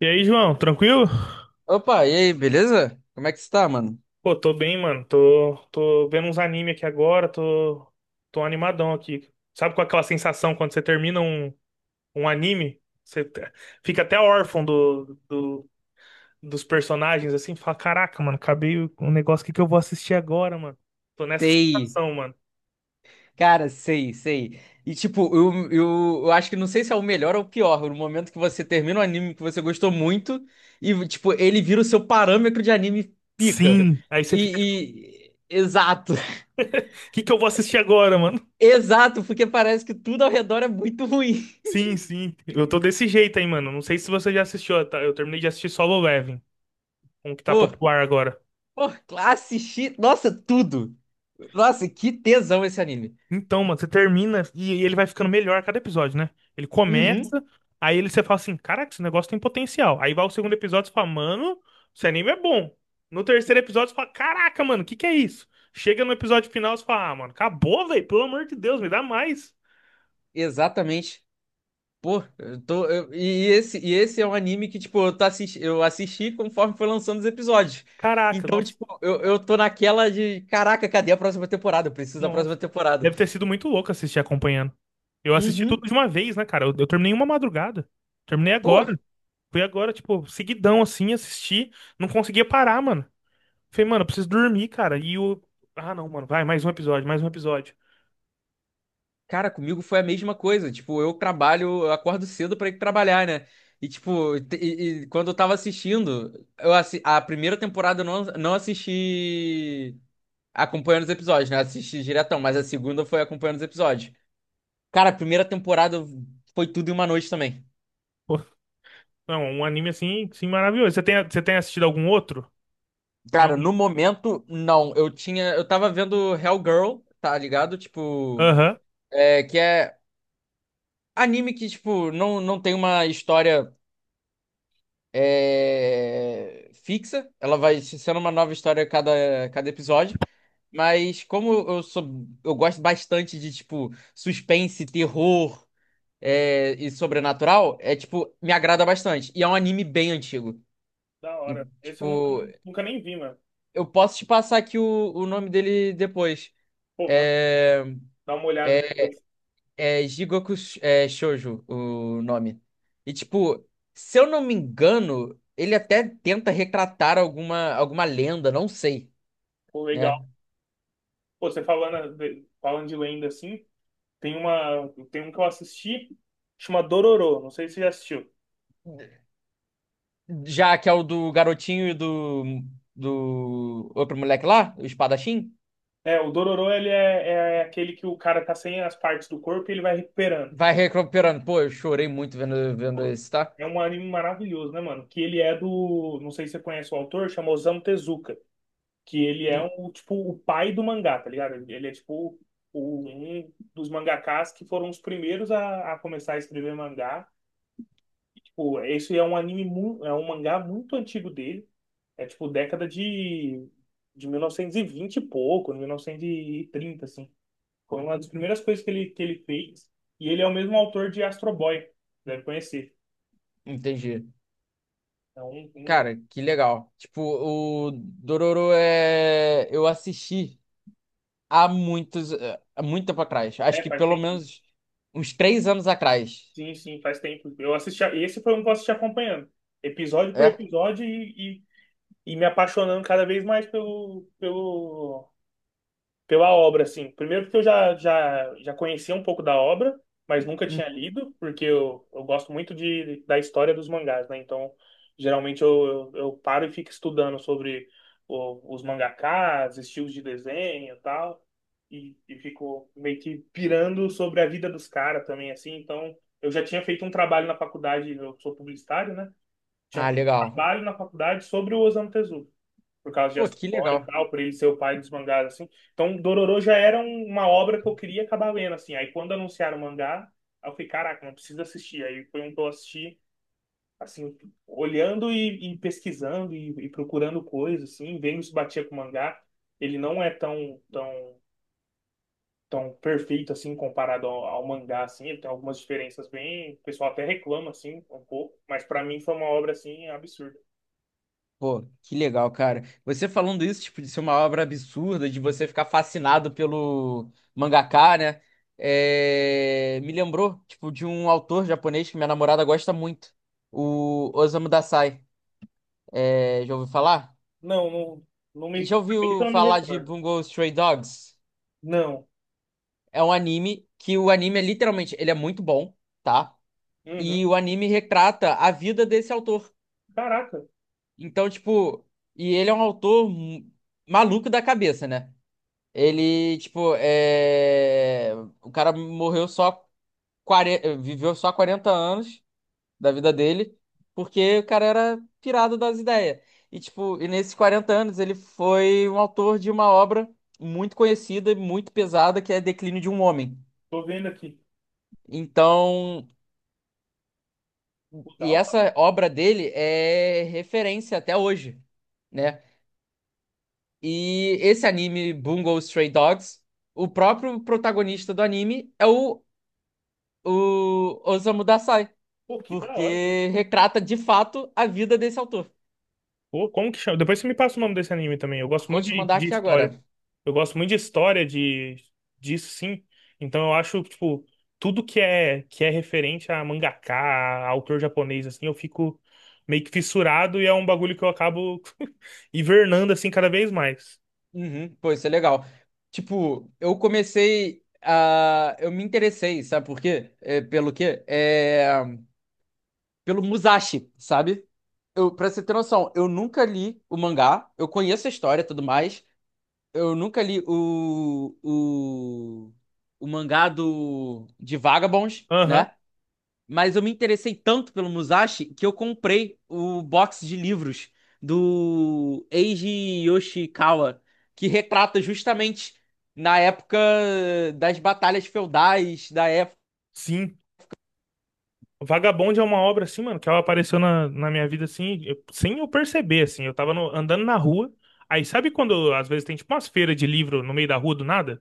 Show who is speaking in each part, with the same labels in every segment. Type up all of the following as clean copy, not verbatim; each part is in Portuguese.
Speaker 1: E aí, João, tranquilo?
Speaker 2: Opa, e aí, beleza? Como é que você tá, mano?
Speaker 1: Pô, tô bem, mano. Tô vendo uns anime aqui agora, tô animadão aqui. Sabe com aquela sensação quando você termina um anime? Fica até órfão dos personagens, assim, fala, caraca, mano, acabei o um negócio, o que que eu vou assistir agora, mano? Tô nessa
Speaker 2: Sei,
Speaker 1: sensação, mano.
Speaker 2: cara, sei, sei. E tipo, eu acho que não sei se é o melhor ou o pior, no momento que você termina um anime que você gostou muito e, tipo, ele vira o seu parâmetro de anime pica.
Speaker 1: Sim. Aí você fica tipo, o
Speaker 2: Exato,
Speaker 1: que que eu vou assistir agora, mano?
Speaker 2: exato, porque parece que tudo ao redor é muito ruim.
Speaker 1: Sim, sim. Eu tô desse jeito aí, mano. Não sei se você já assistiu, tá? Eu terminei de assistir Solo Leveling, um que tá
Speaker 2: Pô,
Speaker 1: popular agora.
Speaker 2: pô, classe X, nossa, tudo. Nossa, que tesão esse anime.
Speaker 1: Então, mano, você termina e ele vai ficando melhor a cada episódio, né? Ele
Speaker 2: Uhum,
Speaker 1: começa, você fala assim, caraca, esse negócio tem potencial. Aí vai o segundo episódio, você fala, mano, esse anime é bom. No terceiro episódio, você fala, caraca, mano, o que que é isso? Chega no episódio final, você fala, ah, mano, acabou, velho, pelo amor de Deus, me dá mais.
Speaker 2: exatamente. Pô, eu tô, eu- e esse é um anime que, tipo, eu assisti conforme foi lançando os episódios.
Speaker 1: Caraca,
Speaker 2: Então,
Speaker 1: nossa,
Speaker 2: tipo, eu tô naquela de, caraca, cadê a próxima temporada? Eu preciso da próxima
Speaker 1: nossa.
Speaker 2: temporada.
Speaker 1: Deve ter sido muito louco assistir acompanhando. Eu assisti tudo
Speaker 2: Uhum.
Speaker 1: de uma vez, né, cara? Eu terminei uma madrugada. Terminei
Speaker 2: Pô,
Speaker 1: agora. Fui agora, tipo, seguidão, assim, assisti. Não conseguia parar, mano. Falei, mano, eu preciso dormir, cara. E o. Ah, não, mano, vai, mais um episódio, mais um episódio.
Speaker 2: cara, comigo foi a mesma coisa. Tipo, eu trabalho, eu acordo cedo pra ir trabalhar, né? E, tipo, e quando eu tava assistindo, eu assi a primeira temporada eu não assisti acompanhando os episódios, né? Assisti diretão, mas a segunda foi acompanhando os episódios. Cara, a primeira temporada foi tudo em uma noite também.
Speaker 1: Pô, não, um anime assim, assim maravilhoso. Você tem assistido algum outro? Tem
Speaker 2: Cara,
Speaker 1: algum?
Speaker 2: no momento, não. Eu tinha. Eu tava vendo Hellgirl, tá ligado? Tipo.
Speaker 1: Aham.
Speaker 2: É, que é anime que, tipo, não tem uma história fixa. Ela vai sendo uma nova história a cada episódio. Mas como eu sou. Eu gosto bastante de, tipo, suspense, terror e sobrenatural, tipo, me agrada bastante. E é um anime bem antigo.
Speaker 1: Da hora. Esse eu nunca,
Speaker 2: Tipo,
Speaker 1: nunca nem vi, mano.
Speaker 2: eu posso te passar aqui o nome dele depois.
Speaker 1: Pô, mano,
Speaker 2: É,
Speaker 1: dá uma olhada
Speaker 2: é,
Speaker 1: depois.
Speaker 2: Jigoku Shoujo, o nome. E, tipo, se eu não me engano, ele até tenta retratar alguma lenda, não sei,
Speaker 1: Pô, legal.
Speaker 2: né?
Speaker 1: Pô, você falando de lenda assim, tem uma, tem um que eu assisti, chama Dororo. Não sei se você já assistiu.
Speaker 2: Já que é o do garotinho e do outro moleque lá, o espadachim,
Speaker 1: É, o Dororo, ele é aquele que o cara tá sem as partes do corpo e ele vai recuperando.
Speaker 2: vai recuperando. Pô, eu chorei muito vendo
Speaker 1: Pô,
Speaker 2: esse, tá?
Speaker 1: é um anime maravilhoso, né, mano? Que ele é do. Não sei se você conhece o autor, chama Osamu Tezuka. Que ele é
Speaker 2: En-
Speaker 1: um, tipo, o pai do mangá, tá ligado? Ele é, tipo, um dos mangakás que foram os primeiros a começar a escrever mangá. Tipo, esse é um anime, é um mangá muito antigo dele. É, tipo, década de 1920 e pouco, 1930, assim. Foi uma das primeiras coisas que ele fez. E ele é o mesmo autor de Astro Boy, deve conhecer.
Speaker 2: Entendi.
Speaker 1: É um
Speaker 2: Cara, que legal. Tipo, o Dororo é. Eu assisti há muito tempo atrás. Acho
Speaker 1: É,
Speaker 2: que
Speaker 1: faz
Speaker 2: pelo
Speaker 1: tempo.
Speaker 2: menos uns 3 anos atrás.
Speaker 1: Sim, sim, faz tempo. Eu assisti. Esse foi um que eu assisti acompanhando. Episódio por
Speaker 2: É?
Speaker 1: episódio e me apaixonando cada vez mais pela obra, assim. Primeiro porque eu já conhecia um pouco da obra, mas nunca tinha
Speaker 2: Uhum.
Speaker 1: lido, porque eu gosto muito de, da história dos mangás, né? Então, geralmente eu paro e fico estudando sobre os mangakas estilos de desenho e tal, e fico meio que pirando sobre a vida dos caras também, assim. Então, eu já tinha feito um trabalho na faculdade, eu sou publicitário, né? Tinha
Speaker 2: Ah,
Speaker 1: feito um
Speaker 2: legal.
Speaker 1: trabalho na faculdade sobre o Osamu Tezuka por causa de
Speaker 2: Pô,
Speaker 1: Astro
Speaker 2: que
Speaker 1: Boy e
Speaker 2: legal.
Speaker 1: tal, por ele ser o pai dos mangás, assim. Então, Dororo já era uma obra que eu queria acabar lendo, assim. Aí, quando anunciaram o mangá, aí eu falei, caraca, não preciso assistir. Aí foi um que eu assisti, assim, olhando e pesquisando e procurando coisas, assim, vendo se batia com o mangá. Ele não é tão, tão, tão perfeito, assim, comparado ao mangá, assim. Ele tem algumas diferenças bem. O pessoal até reclama, assim, um pouco. Mas, pra mim, foi uma obra, assim, absurda.
Speaker 2: Pô, que legal, cara. Você falando isso, tipo, de ser uma obra absurda, de você ficar fascinado pelo mangaka, né? Me lembrou, tipo, de um autor japonês que minha namorada gosta muito, o Osamu Dazai. Já ouviu falar?
Speaker 1: Não, não, não me.
Speaker 2: Já
Speaker 1: Eu
Speaker 2: ouviu
Speaker 1: não me
Speaker 2: falar de
Speaker 1: recordo.
Speaker 2: Bungo Stray Dogs?
Speaker 1: Não.
Speaker 2: É um anime que o anime é literalmente, ele é muito bom, tá?
Speaker 1: Uhum.
Speaker 2: E o anime retrata a vida desse autor.
Speaker 1: Caraca,
Speaker 2: Então, tipo, e ele é um autor maluco da cabeça, né? Ele, tipo, é. O cara morreu só 40, viveu só 40 anos da vida dele, porque o cara era pirado das ideias. E tipo, nesses 40 anos ele foi um autor de uma obra muito conhecida e muito pesada que é Declínio de um Homem.
Speaker 1: tô vendo aqui.
Speaker 2: Então.
Speaker 1: Pô, da
Speaker 2: E
Speaker 1: hora,
Speaker 2: essa
Speaker 1: velho.
Speaker 2: obra dele é referência até hoje, né? E esse anime, Bungo Stray Dogs, o próprio protagonista do anime é o Osamu Dazai,
Speaker 1: Pô, que da hora.
Speaker 2: porque retrata de fato a vida desse autor.
Speaker 1: Pô, como que chama? Depois você me passa o nome desse anime também. Eu gosto
Speaker 2: Vou
Speaker 1: muito
Speaker 2: te
Speaker 1: de,
Speaker 2: mandar
Speaker 1: de
Speaker 2: aqui
Speaker 1: história.
Speaker 2: agora.
Speaker 1: Eu gosto muito de história, de disso sim. Então eu acho, tipo, tudo que é referente a mangaka, a autor japonês, assim, eu fico meio que fissurado e é um bagulho que eu acabo hibernando, assim, cada vez mais.
Speaker 2: Uhum, pô, isso é legal. Tipo, eu comecei a. Eu me interessei, sabe por quê? É, pelo quê? É, pelo Musashi, sabe? Eu, pra você ter noção, eu nunca li o mangá, eu conheço a história e tudo mais. Eu nunca li o mangá de Vagabonds,
Speaker 1: Aham.
Speaker 2: né? Mas eu me interessei tanto pelo Musashi que eu comprei o box de livros do Eiji Yoshikawa, que retrata justamente na época das batalhas feudais, da época.
Speaker 1: Sim. Vagabond é uma obra assim, mano, que ela apareceu na minha vida assim, sem eu perceber, assim. Eu tava andando na rua. Aí sabe quando às vezes tem tipo umas feiras de livro no meio da rua do nada?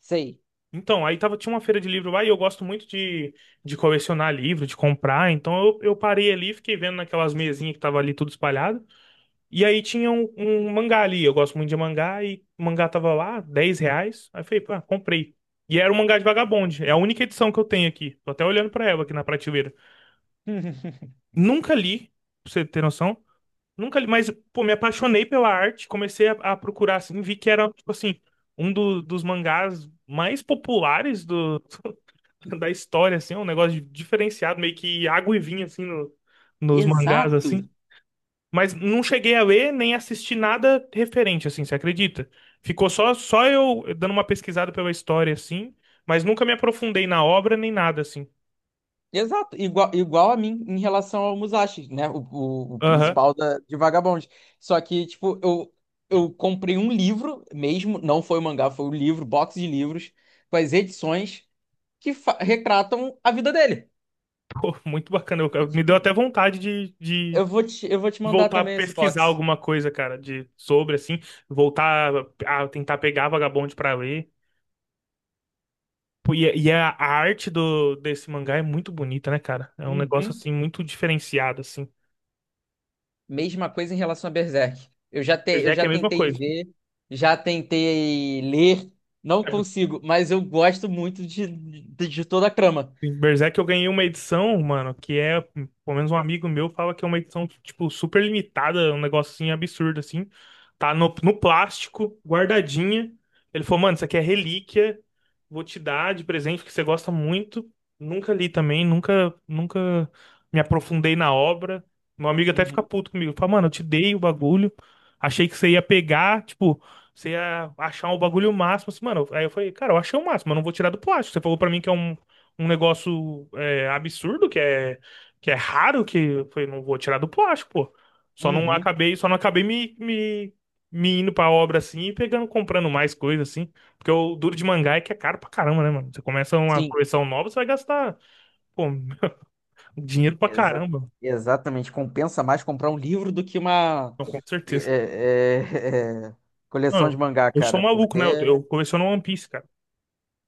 Speaker 2: Sei.
Speaker 1: Então, aí tava, tinha uma feira de livro lá e eu gosto muito de colecionar livro, de comprar. Então eu parei ali, fiquei vendo naquelas mesinhas que tava ali tudo espalhado. E aí tinha um mangá ali. Eu gosto muito de mangá e o mangá tava lá, R$ 10. Aí eu falei, pá, comprei. E era um mangá de Vagabond. É a única edição que eu tenho aqui. Tô até olhando pra ela aqui na prateleira. Nunca li, pra você ter noção. Nunca li, mas, pô, me apaixonei pela arte. Comecei a procurar, assim, vi que era, tipo assim, um dos mangás mais populares do, da história, assim. É um negócio diferenciado, meio que água e vinho, assim, nos mangás,
Speaker 2: Exato.
Speaker 1: assim. Mas não cheguei a ler nem assisti nada referente, assim, você acredita? Ficou só eu dando uma pesquisada pela história, assim. Mas nunca me aprofundei na obra nem nada, assim.
Speaker 2: Exato, igual a mim em relação ao Musashi, né? O
Speaker 1: Aham.
Speaker 2: principal de Vagabond. Só que, tipo, eu comprei um livro mesmo, não foi o mangá, foi o livro, box de livros, com as edições que retratam a vida dele.
Speaker 1: Pô, muito bacana. Eu-
Speaker 2: E,
Speaker 1: eu- me deu
Speaker 2: tipo,
Speaker 1: até vontade de
Speaker 2: eu vou te mandar
Speaker 1: voltar a
Speaker 2: também esse
Speaker 1: pesquisar
Speaker 2: box.
Speaker 1: alguma coisa, cara, de sobre assim, voltar a tentar pegar Vagabond pra ler. Pô, e é a arte do desse mangá é muito bonita, né, cara? É um negócio
Speaker 2: Uhum.
Speaker 1: assim muito diferenciado assim.
Speaker 2: Mesma coisa em relação a Berserk. Eu já, te, eu
Speaker 1: Berserk é
Speaker 2: já
Speaker 1: a mesma
Speaker 2: tentei
Speaker 1: coisa.
Speaker 2: ver, já tentei ler, não consigo, mas eu gosto muito de toda a trama.
Speaker 1: Berserk eu ganhei uma edição, mano, que é, pelo menos um amigo meu fala que é uma edição, tipo, super limitada, um negocinho absurdo, assim. Tá no plástico, guardadinha. Ele falou, mano, isso aqui é relíquia, vou te dar de presente, porque você gosta muito. Nunca li também, nunca, nunca me aprofundei na obra. Meu amigo até fica
Speaker 2: Uhum.
Speaker 1: puto comigo. Fala, mano, eu te dei o bagulho, achei que você ia pegar, tipo, você ia achar o bagulho máximo. Assim, mano, aí eu falei, cara, eu achei o máximo, eu não vou tirar do plástico. Você falou pra mim que é um negócio é, absurdo, que é raro, que eu falei, não vou tirar do plástico, pô. Só não
Speaker 2: Uhum.
Speaker 1: acabei, só não acabei me indo pra obra assim e pegando, comprando mais coisa assim. Porque o duro de mangá é que é caro pra caramba, né, mano? Você começa uma
Speaker 2: Sim,
Speaker 1: coleção nova, você vai gastar, pô, dinheiro pra
Speaker 2: exa-
Speaker 1: caramba.
Speaker 2: exatamente. Compensa mais comprar um livro do que uma
Speaker 1: Então, com
Speaker 2: é,
Speaker 1: certeza.
Speaker 2: é, é, coleção de
Speaker 1: Mano,
Speaker 2: mangá,
Speaker 1: eu sou
Speaker 2: cara,
Speaker 1: maluco,
Speaker 2: porque
Speaker 1: né? Eu coleciono One Piece, cara.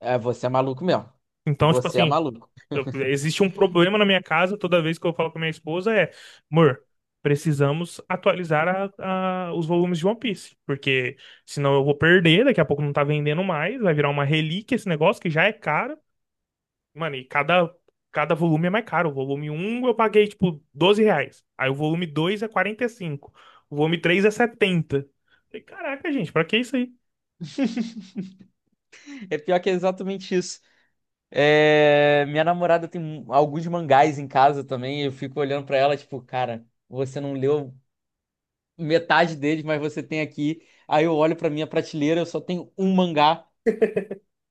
Speaker 2: você é maluco mesmo.
Speaker 1: Então, tipo
Speaker 2: Você é
Speaker 1: assim,
Speaker 2: maluco.
Speaker 1: Existe um problema na minha casa toda vez que eu falo com a minha esposa é, amor, precisamos atualizar os volumes de One Piece, porque senão eu vou perder, daqui a pouco não tá vendendo mais, vai virar uma relíquia esse negócio que já é caro. Mano, e cada volume é mais caro. O volume um eu paguei, tipo, R$ 12. Aí o volume 2 é 45. O volume 3 é 70. Falei, caraca, gente, pra que isso aí?
Speaker 2: É pior que é exatamente isso. É, minha namorada tem alguns mangás em casa também. Eu fico olhando pra ela, tipo, cara, você não leu metade deles, mas você tem aqui. Aí eu olho pra minha prateleira, eu só tenho um mangá.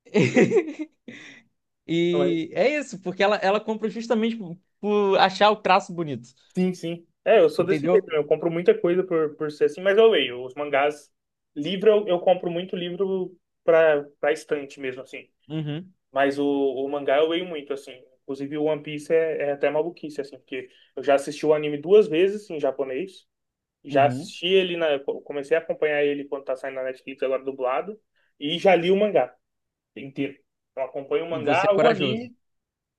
Speaker 2: E é isso, porque ela compra justamente por achar o traço bonito.
Speaker 1: Sim, sim. É, eu sou desse jeito,
Speaker 2: Entendeu?
Speaker 1: né? Eu compro muita coisa por ser assim, mas eu leio. Os mangás, livro, eu compro muito livro pra estante mesmo, assim.
Speaker 2: Uhum,
Speaker 1: Mas o mangá eu leio muito, assim. Inclusive, o One Piece é até maluquice, assim, porque eu já assisti o anime duas vezes em japonês. Já
Speaker 2: uhum.
Speaker 1: assisti ele na. Eu Comecei a acompanhar ele quando tá saindo na Netflix agora dublado. E já li o mangá inteiro. Então acompanho o mangá,
Speaker 2: Você é
Speaker 1: o
Speaker 2: corajoso.
Speaker 1: anime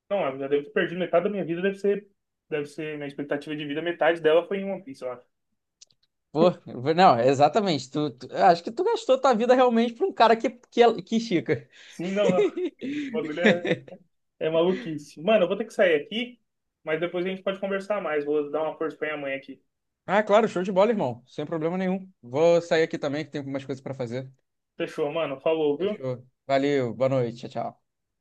Speaker 1: não, eu já devo ter perdido metade da minha vida, deve ser minha expectativa de vida, metade dela foi em One Piece, eu acho.
Speaker 2: Pô, não, exatamente. Eu acho que tu gastou tua vida realmente pra um cara que estica.
Speaker 1: Sim, não, o bagulho é maluquice. Mano, eu vou ter que sair aqui, mas depois a gente pode conversar mais. Vou dar uma força pra minha mãe aqui.
Speaker 2: Ah, claro, show de bola, irmão. Sem problema nenhum. Vou sair aqui também, que tem algumas coisas pra fazer.
Speaker 1: Fechou, mano. Falou, viu?
Speaker 2: Fechou. Valeu, boa noite, tchau, tchau.